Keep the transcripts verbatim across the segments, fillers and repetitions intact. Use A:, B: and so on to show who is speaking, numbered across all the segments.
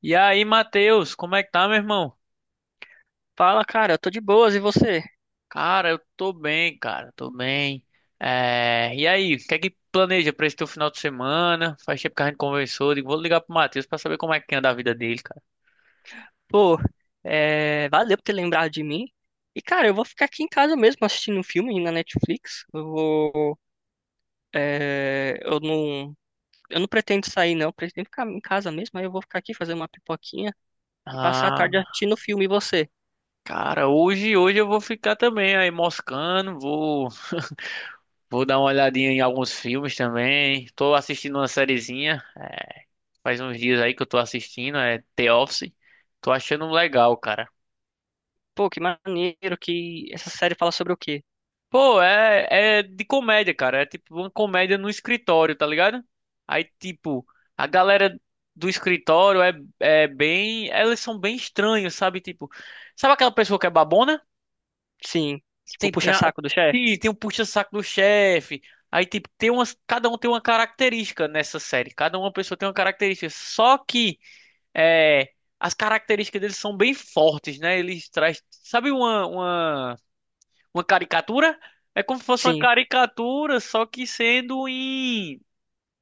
A: E aí, Matheus, como é que tá, meu irmão?
B: Fala, cara, eu tô de boas, e você?
A: Cara, eu tô bem, cara, tô bem. É, E aí, o que é que planeja pra esse teu final de semana? Faz tempo que a gente conversou, digo, vou ligar pro Matheus pra saber como é que anda a vida dele, cara.
B: Pô, é, valeu por ter lembrado de mim. E, cara, eu vou ficar aqui em casa mesmo assistindo um filme na Netflix. Eu vou. é, Eu não. Eu não pretendo sair, não. Eu pretendo ficar em casa mesmo. Aí eu vou ficar aqui fazer uma pipoquinha e passar a tarde
A: Ah,
B: assistindo o filme. E você?
A: cara, hoje, hoje eu vou ficar também aí moscando, vou, vou dar uma olhadinha em alguns filmes também. Tô assistindo uma sériezinha, faz uns dias aí que eu tô assistindo, é The Office. Tô achando legal, cara.
B: Pô, que maneiro que essa série fala sobre o quê?
A: Pô, é, é de comédia, cara. É tipo uma comédia no escritório, tá ligado? Aí, tipo, a galera do escritório é, é bem. Elas são bem estranhos, sabe? Tipo, sabe aquela pessoa que é babona?
B: Sim. Tipo,
A: Tem, tem, a,
B: puxa-saco do chefe?
A: tem, tem um puxa-saco do chefe. Aí, tipo, tem umas, cada um tem uma característica nessa série. Cada uma pessoa tem uma característica. Só que é, as características deles são bem fortes, né? Eles trazem. Sabe uma, uma uma caricatura? É como se fosse uma
B: Sim.
A: caricatura, só que sendo em,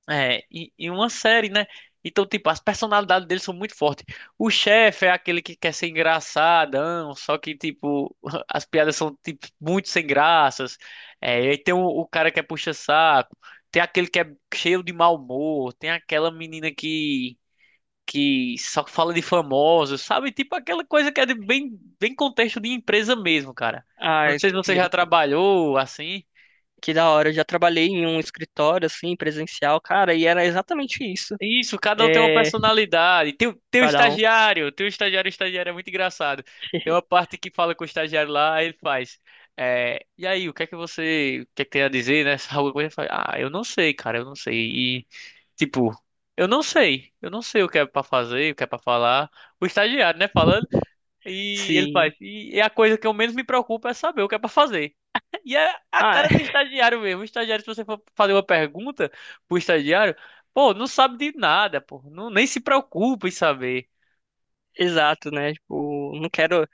A: é, em, em uma série, né? Então, tipo, as personalidades deles são muito fortes. O chefe é aquele que quer ser engraçadão, só que, tipo, as piadas são, tipo, muito sem graças. É, e aí tem o, o cara que é puxa-saco, tem aquele que é cheio de mau humor, tem aquela menina que que só fala de famosos, sabe? Tipo aquela coisa que é de bem, bem contexto de empresa mesmo, cara. Não
B: Ai,
A: sei se você já
B: eu-
A: trabalhou assim.
B: que da hora. Eu já trabalhei em um escritório, assim, presencial, cara, e era exatamente isso.
A: Isso, cada um tem uma
B: É.
A: personalidade. Tem, o- tem o
B: Cada um.
A: estagiário, tem o estagiário, o estagiário é muito engraçado. Tem uma parte que fala com o estagiário lá, aí ele faz. É, e aí, o que é que você, o que é que tem a dizer, né? Alguma coisa, ele fala, ah, eu não sei, cara, eu não sei. E, tipo, eu não sei, eu não sei o que é pra fazer, o que é pra falar. O estagiário, né, falando. E ele
B: Sim.
A: faz. E é a coisa que eu menos me preocupo é saber o que é pra fazer. E é a
B: Ah, é,
A: cara do estagiário mesmo. O estagiário, se você for fazer uma pergunta pro estagiário, pô, não sabe de nada, pô. Não, nem se preocupa em saber.
B: exato, né? Tipo, não quero.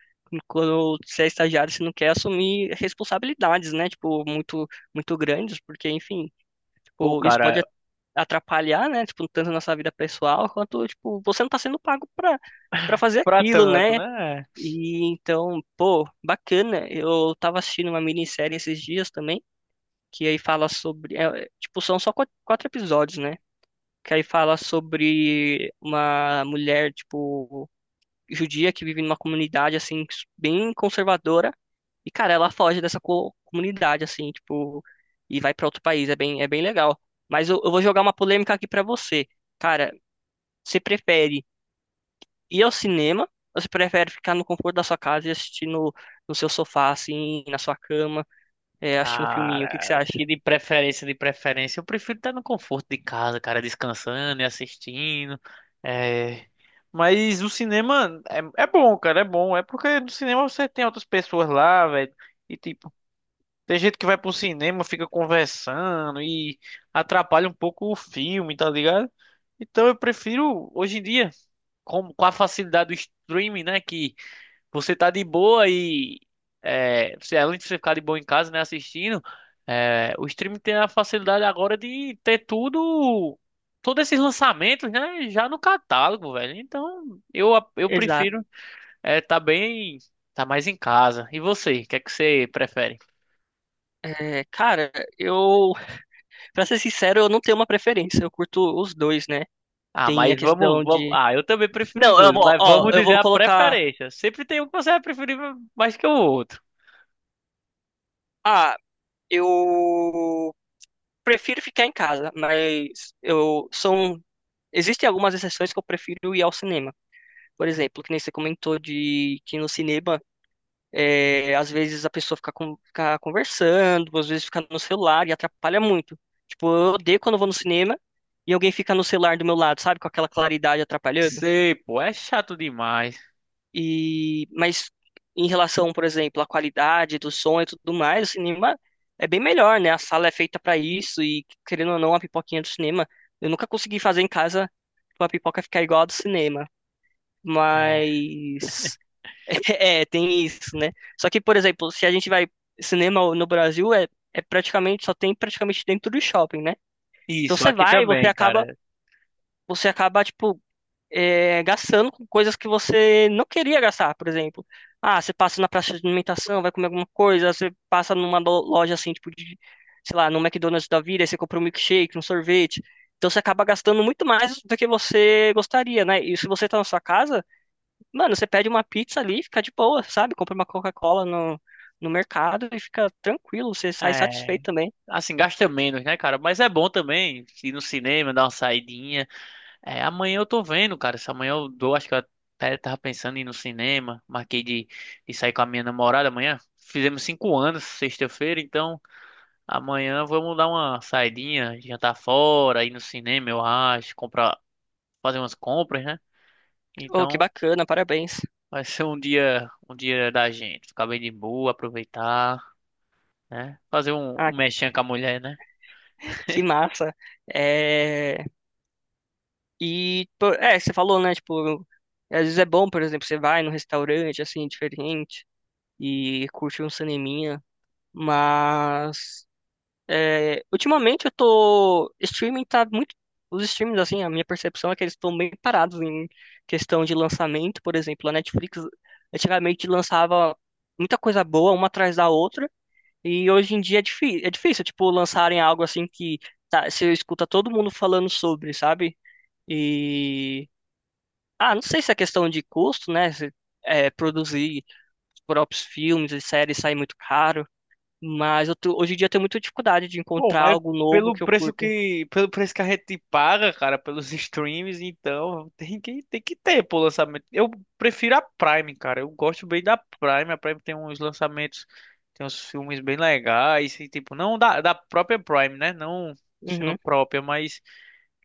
B: Quando você é estagiário, você não quer assumir responsabilidades, né? Tipo, muito, muito grandes, porque, enfim,
A: Pô,
B: tipo, isso
A: cara,
B: pode atrapalhar, né? Tipo, tanto a nossa vida pessoal, quanto, tipo, você não tá sendo pago pra, pra fazer
A: pra
B: aquilo,
A: tanto,
B: né?
A: né?
B: E então, pô, bacana. Eu tava assistindo uma minissérie esses dias também, que aí fala sobre. É, é, tipo, são só quatro quatro episódios, né? Que aí fala sobre uma mulher, tipo. Judia que vive numa comunidade, assim, bem conservadora. E, cara, ela foge dessa co- comunidade, assim, tipo, e vai pra outro país. É bem, é bem legal. Mas eu, eu vou jogar uma polêmica aqui pra você. Cara, você prefere ir ao cinema ou você prefere ficar no conforto da sua casa e assistir no, no seu sofá, assim, na sua cama, é, assistir um filminho? O que que
A: Cara,
B: você
A: acho
B: acha?
A: que de preferência, de preferência, eu prefiro estar no conforto de casa, cara, descansando e assistindo. É. Mas o cinema é, é bom, cara, é bom. É porque no cinema você tem outras pessoas lá, velho. E tipo, tem gente que vai pro cinema, fica conversando e atrapalha um pouco o filme, tá ligado? Então eu prefiro, hoje em dia, com, com a facilidade do streaming, né? Que você tá de boa e é, você, além de você ficar de boa em casa, né, assistindo, é, o streaming tem a facilidade agora de ter tudo, todos esses lançamentos, né? Já no catálogo, velho. Então eu, eu
B: Exato.
A: prefiro é, tá bem, tá mais em casa. E você, o que é que você prefere?
B: É, cara, eu, pra ser sincero, eu não tenho uma preferência. Eu curto os dois, né?
A: Ah,
B: Tem a
A: mas vamos,
B: questão
A: vamos.
B: de
A: Ah, eu também prefiro os
B: Não, eu
A: dois,
B: vou,
A: mas
B: ó,
A: vamos
B: eu
A: dizer
B: vou
A: a
B: colocar.
A: preferência. Sempre tem um que você vai preferir mais que o outro.
B: Ah, eu prefiro ficar em casa, mas eu são. Existem algumas exceções que eu prefiro ir ao cinema. Por exemplo, que nem você comentou de que no cinema, é, às vezes a pessoa fica, con- fica conversando, às vezes fica no celular e atrapalha muito. Tipo, eu odeio quando eu vou no cinema e alguém fica no celular do meu lado, sabe? Com aquela claridade atrapalhando.
A: Sei, pô, é chato demais.
B: E, mas em relação, por exemplo, à qualidade do som e tudo mais, o cinema é bem melhor, né? A sala é feita pra isso e, querendo ou não, a pipoquinha do cinema, eu nunca consegui fazer em casa pra pipoca ficar igual a do cinema.
A: É.
B: Mas é, tem isso, né? Só que, por exemplo, se a gente vai cinema no Brasil, é, é praticamente só tem praticamente dentro do shopping, né? Então
A: Isso,
B: você
A: aqui
B: vai, e você
A: também,
B: acaba,
A: cara.
B: você acaba tipo é, gastando com coisas que você não queria gastar, por exemplo. Ah, você passa na praça de alimentação, vai comer alguma coisa, você passa numa lo- loja assim, tipo de, sei lá, no McDonald's da vida, aí você compra um milkshake, um sorvete. Então você acaba gastando muito mais do que você gostaria, né? E se você tá na sua casa, mano, você pede uma pizza ali, e fica de boa, sabe? Compra uma Coca-Cola no, no mercado e fica tranquilo, você sai
A: É.
B: satisfeito também.
A: Assim, gasta menos, né, cara? Mas é bom também ir no cinema, dar uma saidinha. É, amanhã eu tô vendo, cara. Se amanhã eu dou, acho que eu até tava pensando em ir no cinema. Marquei de, de sair com a minha namorada amanhã. Fizemos cinco anos, sexta-feira, então. Amanhã vamos dar uma saidinha, jantar fora, ir no cinema, eu acho, comprar, fazer umas compras, né?
B: Oh, que
A: Então
B: bacana, parabéns.
A: vai ser um dia, um dia da gente, ficar bem de boa, aproveitar, né? Fazer um,
B: Ah,
A: um mexinha com a mulher, né?
B: que massa. É... E, pô, é, você falou, né? Tipo, às vezes é bom, por exemplo, você vai num restaurante, assim, diferente e curte um cineminha, mas é, ultimamente eu tô... Streaming tá muito... Os streams, assim, a minha percepção é que eles estão bem parados em questão de lançamento, por exemplo, a Netflix antigamente lançava muita coisa boa, uma atrás da outra, e hoje em dia é, difí é difícil, tipo, lançarem algo assim que tá, você escuta todo mundo falando sobre, sabe? E... Ah, não sei se é questão de custo, né? se, é, Produzir os próprios filmes e séries sai muito caro, mas eu tô- hoje em dia eu tenho muita dificuldade de
A: Pô,
B: encontrar
A: mas
B: algo novo
A: pelo
B: que eu
A: preço
B: curto.
A: que, pelo preço que a gente paga, cara, pelos streams, então tem que, tem que ter, pô, lançamento. Eu prefiro a Prime, cara. Eu gosto bem da Prime. A Prime tem uns lançamentos, tem uns filmes bem legais, e, tipo, não da, da própria Prime, né? Não sendo
B: Uhum.
A: própria, mas.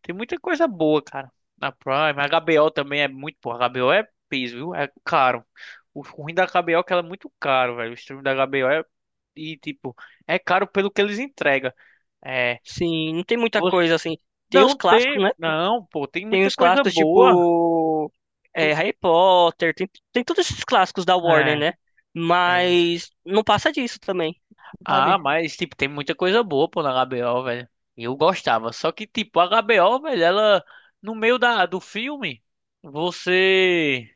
A: Tem muita coisa boa, cara. Na Prime, a H B O também é muito boa. A H B O é piso, viu? É caro. O ruim da H B O é que ela é muito caro, velho. O stream da H B O é. E, tipo, é caro pelo que eles entregam. É.
B: Sim, não tem muita
A: Você
B: coisa assim. Tem os
A: não
B: clássicos,
A: tem.
B: né?
A: Não, pô, tem
B: Tem
A: muita
B: os
A: coisa
B: clássicos
A: boa.
B: tipo é,
A: Tu-
B: Harry Potter, tem, tem todos esses clássicos da Warner,
A: é,
B: né?
A: é isso.
B: Mas não passa disso também,
A: Ah,
B: sabe?
A: mas, tipo, tem muita coisa boa, pô, na H B O, velho. Eu gostava. Só que, tipo, a H B O, velho, ela. No meio da, do filme, você.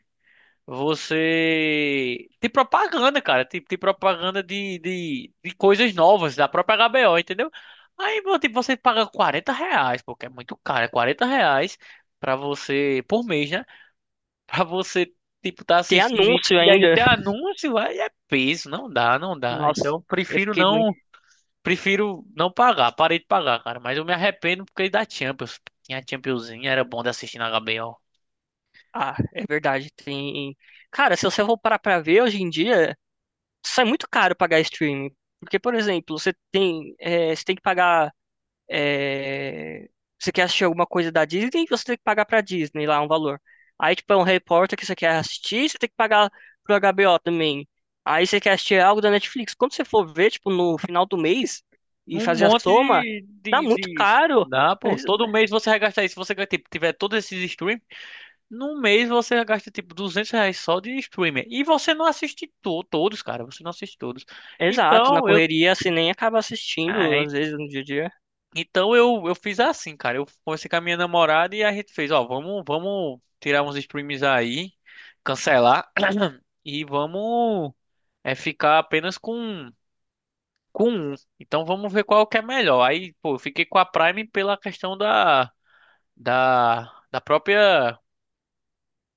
A: Você tem propaganda, cara. Tem, tem propaganda de, de, de coisas novas da própria H B O, entendeu? Aí, meu, tipo, você paga quarenta reais, porque é muito caro, é quarenta reais pra você, por mês, né? Pra você, tipo, tá
B: Tem
A: assistindo e,
B: anúncio
A: e aí
B: ainda.
A: até anúncio, aí é peso, não dá, não dá.
B: Nossa,
A: Então,
B: eu
A: prefiro
B: fiquei muito.
A: não, prefiro não pagar, parei de pagar, cara. Mas eu me arrependo porque da Champions. Tinha a Championzinha, era bom de assistir na H B O.
B: Ah, é verdade. Tem. Cara, se você for parar pra ver hoje em dia. Sai muito caro pagar streaming. Porque, por exemplo, você tem, é, você tem que pagar. é, Você quer assistir alguma coisa da Disney, você tem que pagar pra Disney lá um valor. Aí, tipo, é um Harry Potter que você quer assistir, você tem que pagar pro H B O também. Aí você quer assistir algo da Netflix. Quando você for ver, tipo, no final do mês e
A: Um
B: fazer a
A: monte
B: soma,
A: de,
B: dá
A: de,
B: muito
A: de...
B: caro.
A: dá, pô.
B: Ex-
A: Todo mês você vai gastar isso. Se você tipo, tiver todos esses streams, num mês você gasta tipo duzentos reais só de streamer. E você não assiste to todos, cara. Você não assiste todos.
B: Exato, na
A: Então eu,
B: correria você nem acaba
A: ah,
B: assistindo,
A: en-
B: às vezes, no dia a dia.
A: então eu, eu fiz assim, cara. Eu comecei com a minha namorada e a gente fez, ó, vamos, vamos tirar uns streams aí, cancelar e vamos é, ficar apenas com com um. Então vamos ver qual que é melhor. Aí, pô, eu fiquei com a Prime pela questão da da, da própria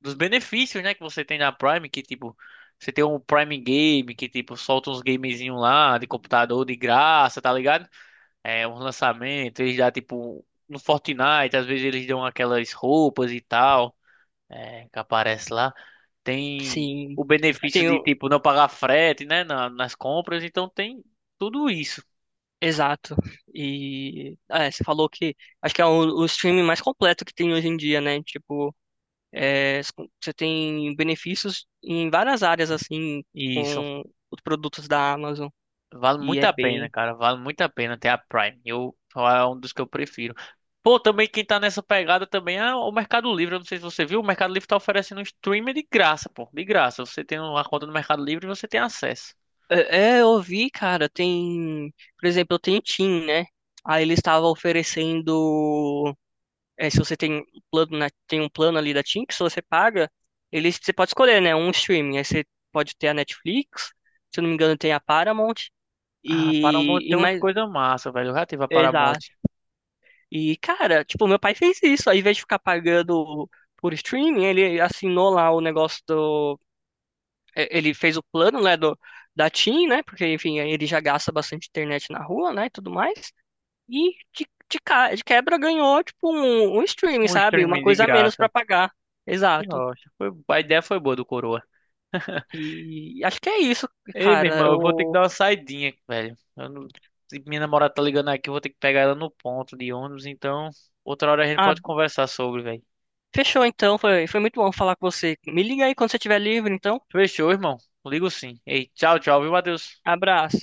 A: dos benefícios, né, que você tem na Prime, que tipo, você tem um Prime Game que tipo solta uns gamezinhos lá de computador de graça, tá ligado? É, um lançamento, eles dá tipo no Fortnite, às vezes eles dão aquelas roupas e tal, é, que aparece lá. Tem
B: Sim.
A: o benefício de
B: Tem,
A: tipo não pagar frete, né, na- nas compras, então tem tudo isso.
B: exato. E é, você falou que acho que é o, o streaming mais completo que tem hoje em dia, né? Tipo, é, s- você tem benefícios em várias áreas assim
A: Isso.
B: com os produtos da Amazon
A: Vale
B: e
A: muito
B: é
A: a pena,
B: bem.
A: cara. Vale muito a pena ter a Prime. Eu, é um dos que eu prefiro. Pô, também quem tá nessa pegada também é o Mercado Livre. Eu não sei se você viu, o Mercado Livre tá oferecendo um streaming de graça, pô. De graça. Você tem uma conta no Mercado Livre e você tem acesso.
B: É, é, eu vi, cara, tem, por exemplo, eu tenho Tim, né? Aí ele estava oferecendo, é, se você tem um plano, né, tem um plano ali da Tim que se você paga, ele você pode escolher, né? Um streaming. Aí você pode ter a Netflix, se eu não me engano, tem a Paramount.
A: Ah, Paramount
B: E, e
A: tem umas
B: mais,
A: coisas massa, velho. Eu já tive a
B: exato.
A: Paramount.
B: E, cara, tipo, meu pai fez isso. Ao invés de ficar pagando por streaming, ele assinou lá o negócio do. eh, Ele fez o plano, né, do, da TIM, né? Porque, enfim, aí ele já gasta bastante internet na rua, né, e tudo mais. E de, de, ca- de quebra ganhou, tipo, um, um streaming,
A: Um
B: sabe? Uma
A: streaming de
B: coisa a menos pra
A: graça.
B: pagar.
A: Que
B: Exato.
A: rocha. Foi, a ideia foi boa do Coroa.
B: E acho que é isso,
A: Ei, meu
B: cara.
A: irmão, eu vou ter que
B: Eu...
A: dar uma saidinha, velho. Eu não- se minha namorada tá ligando aqui, eu vou ter que pegar ela no ponto de ônibus, então outra hora a gente
B: Ah,
A: pode conversar sobre, velho.
B: fechou então. Foi, foi muito bom falar com você. Me liga aí quando você estiver livre, então.
A: Fechou, irmão. Ligo sim. Ei, tchau, tchau, viu, Matheus?
B: Abraço.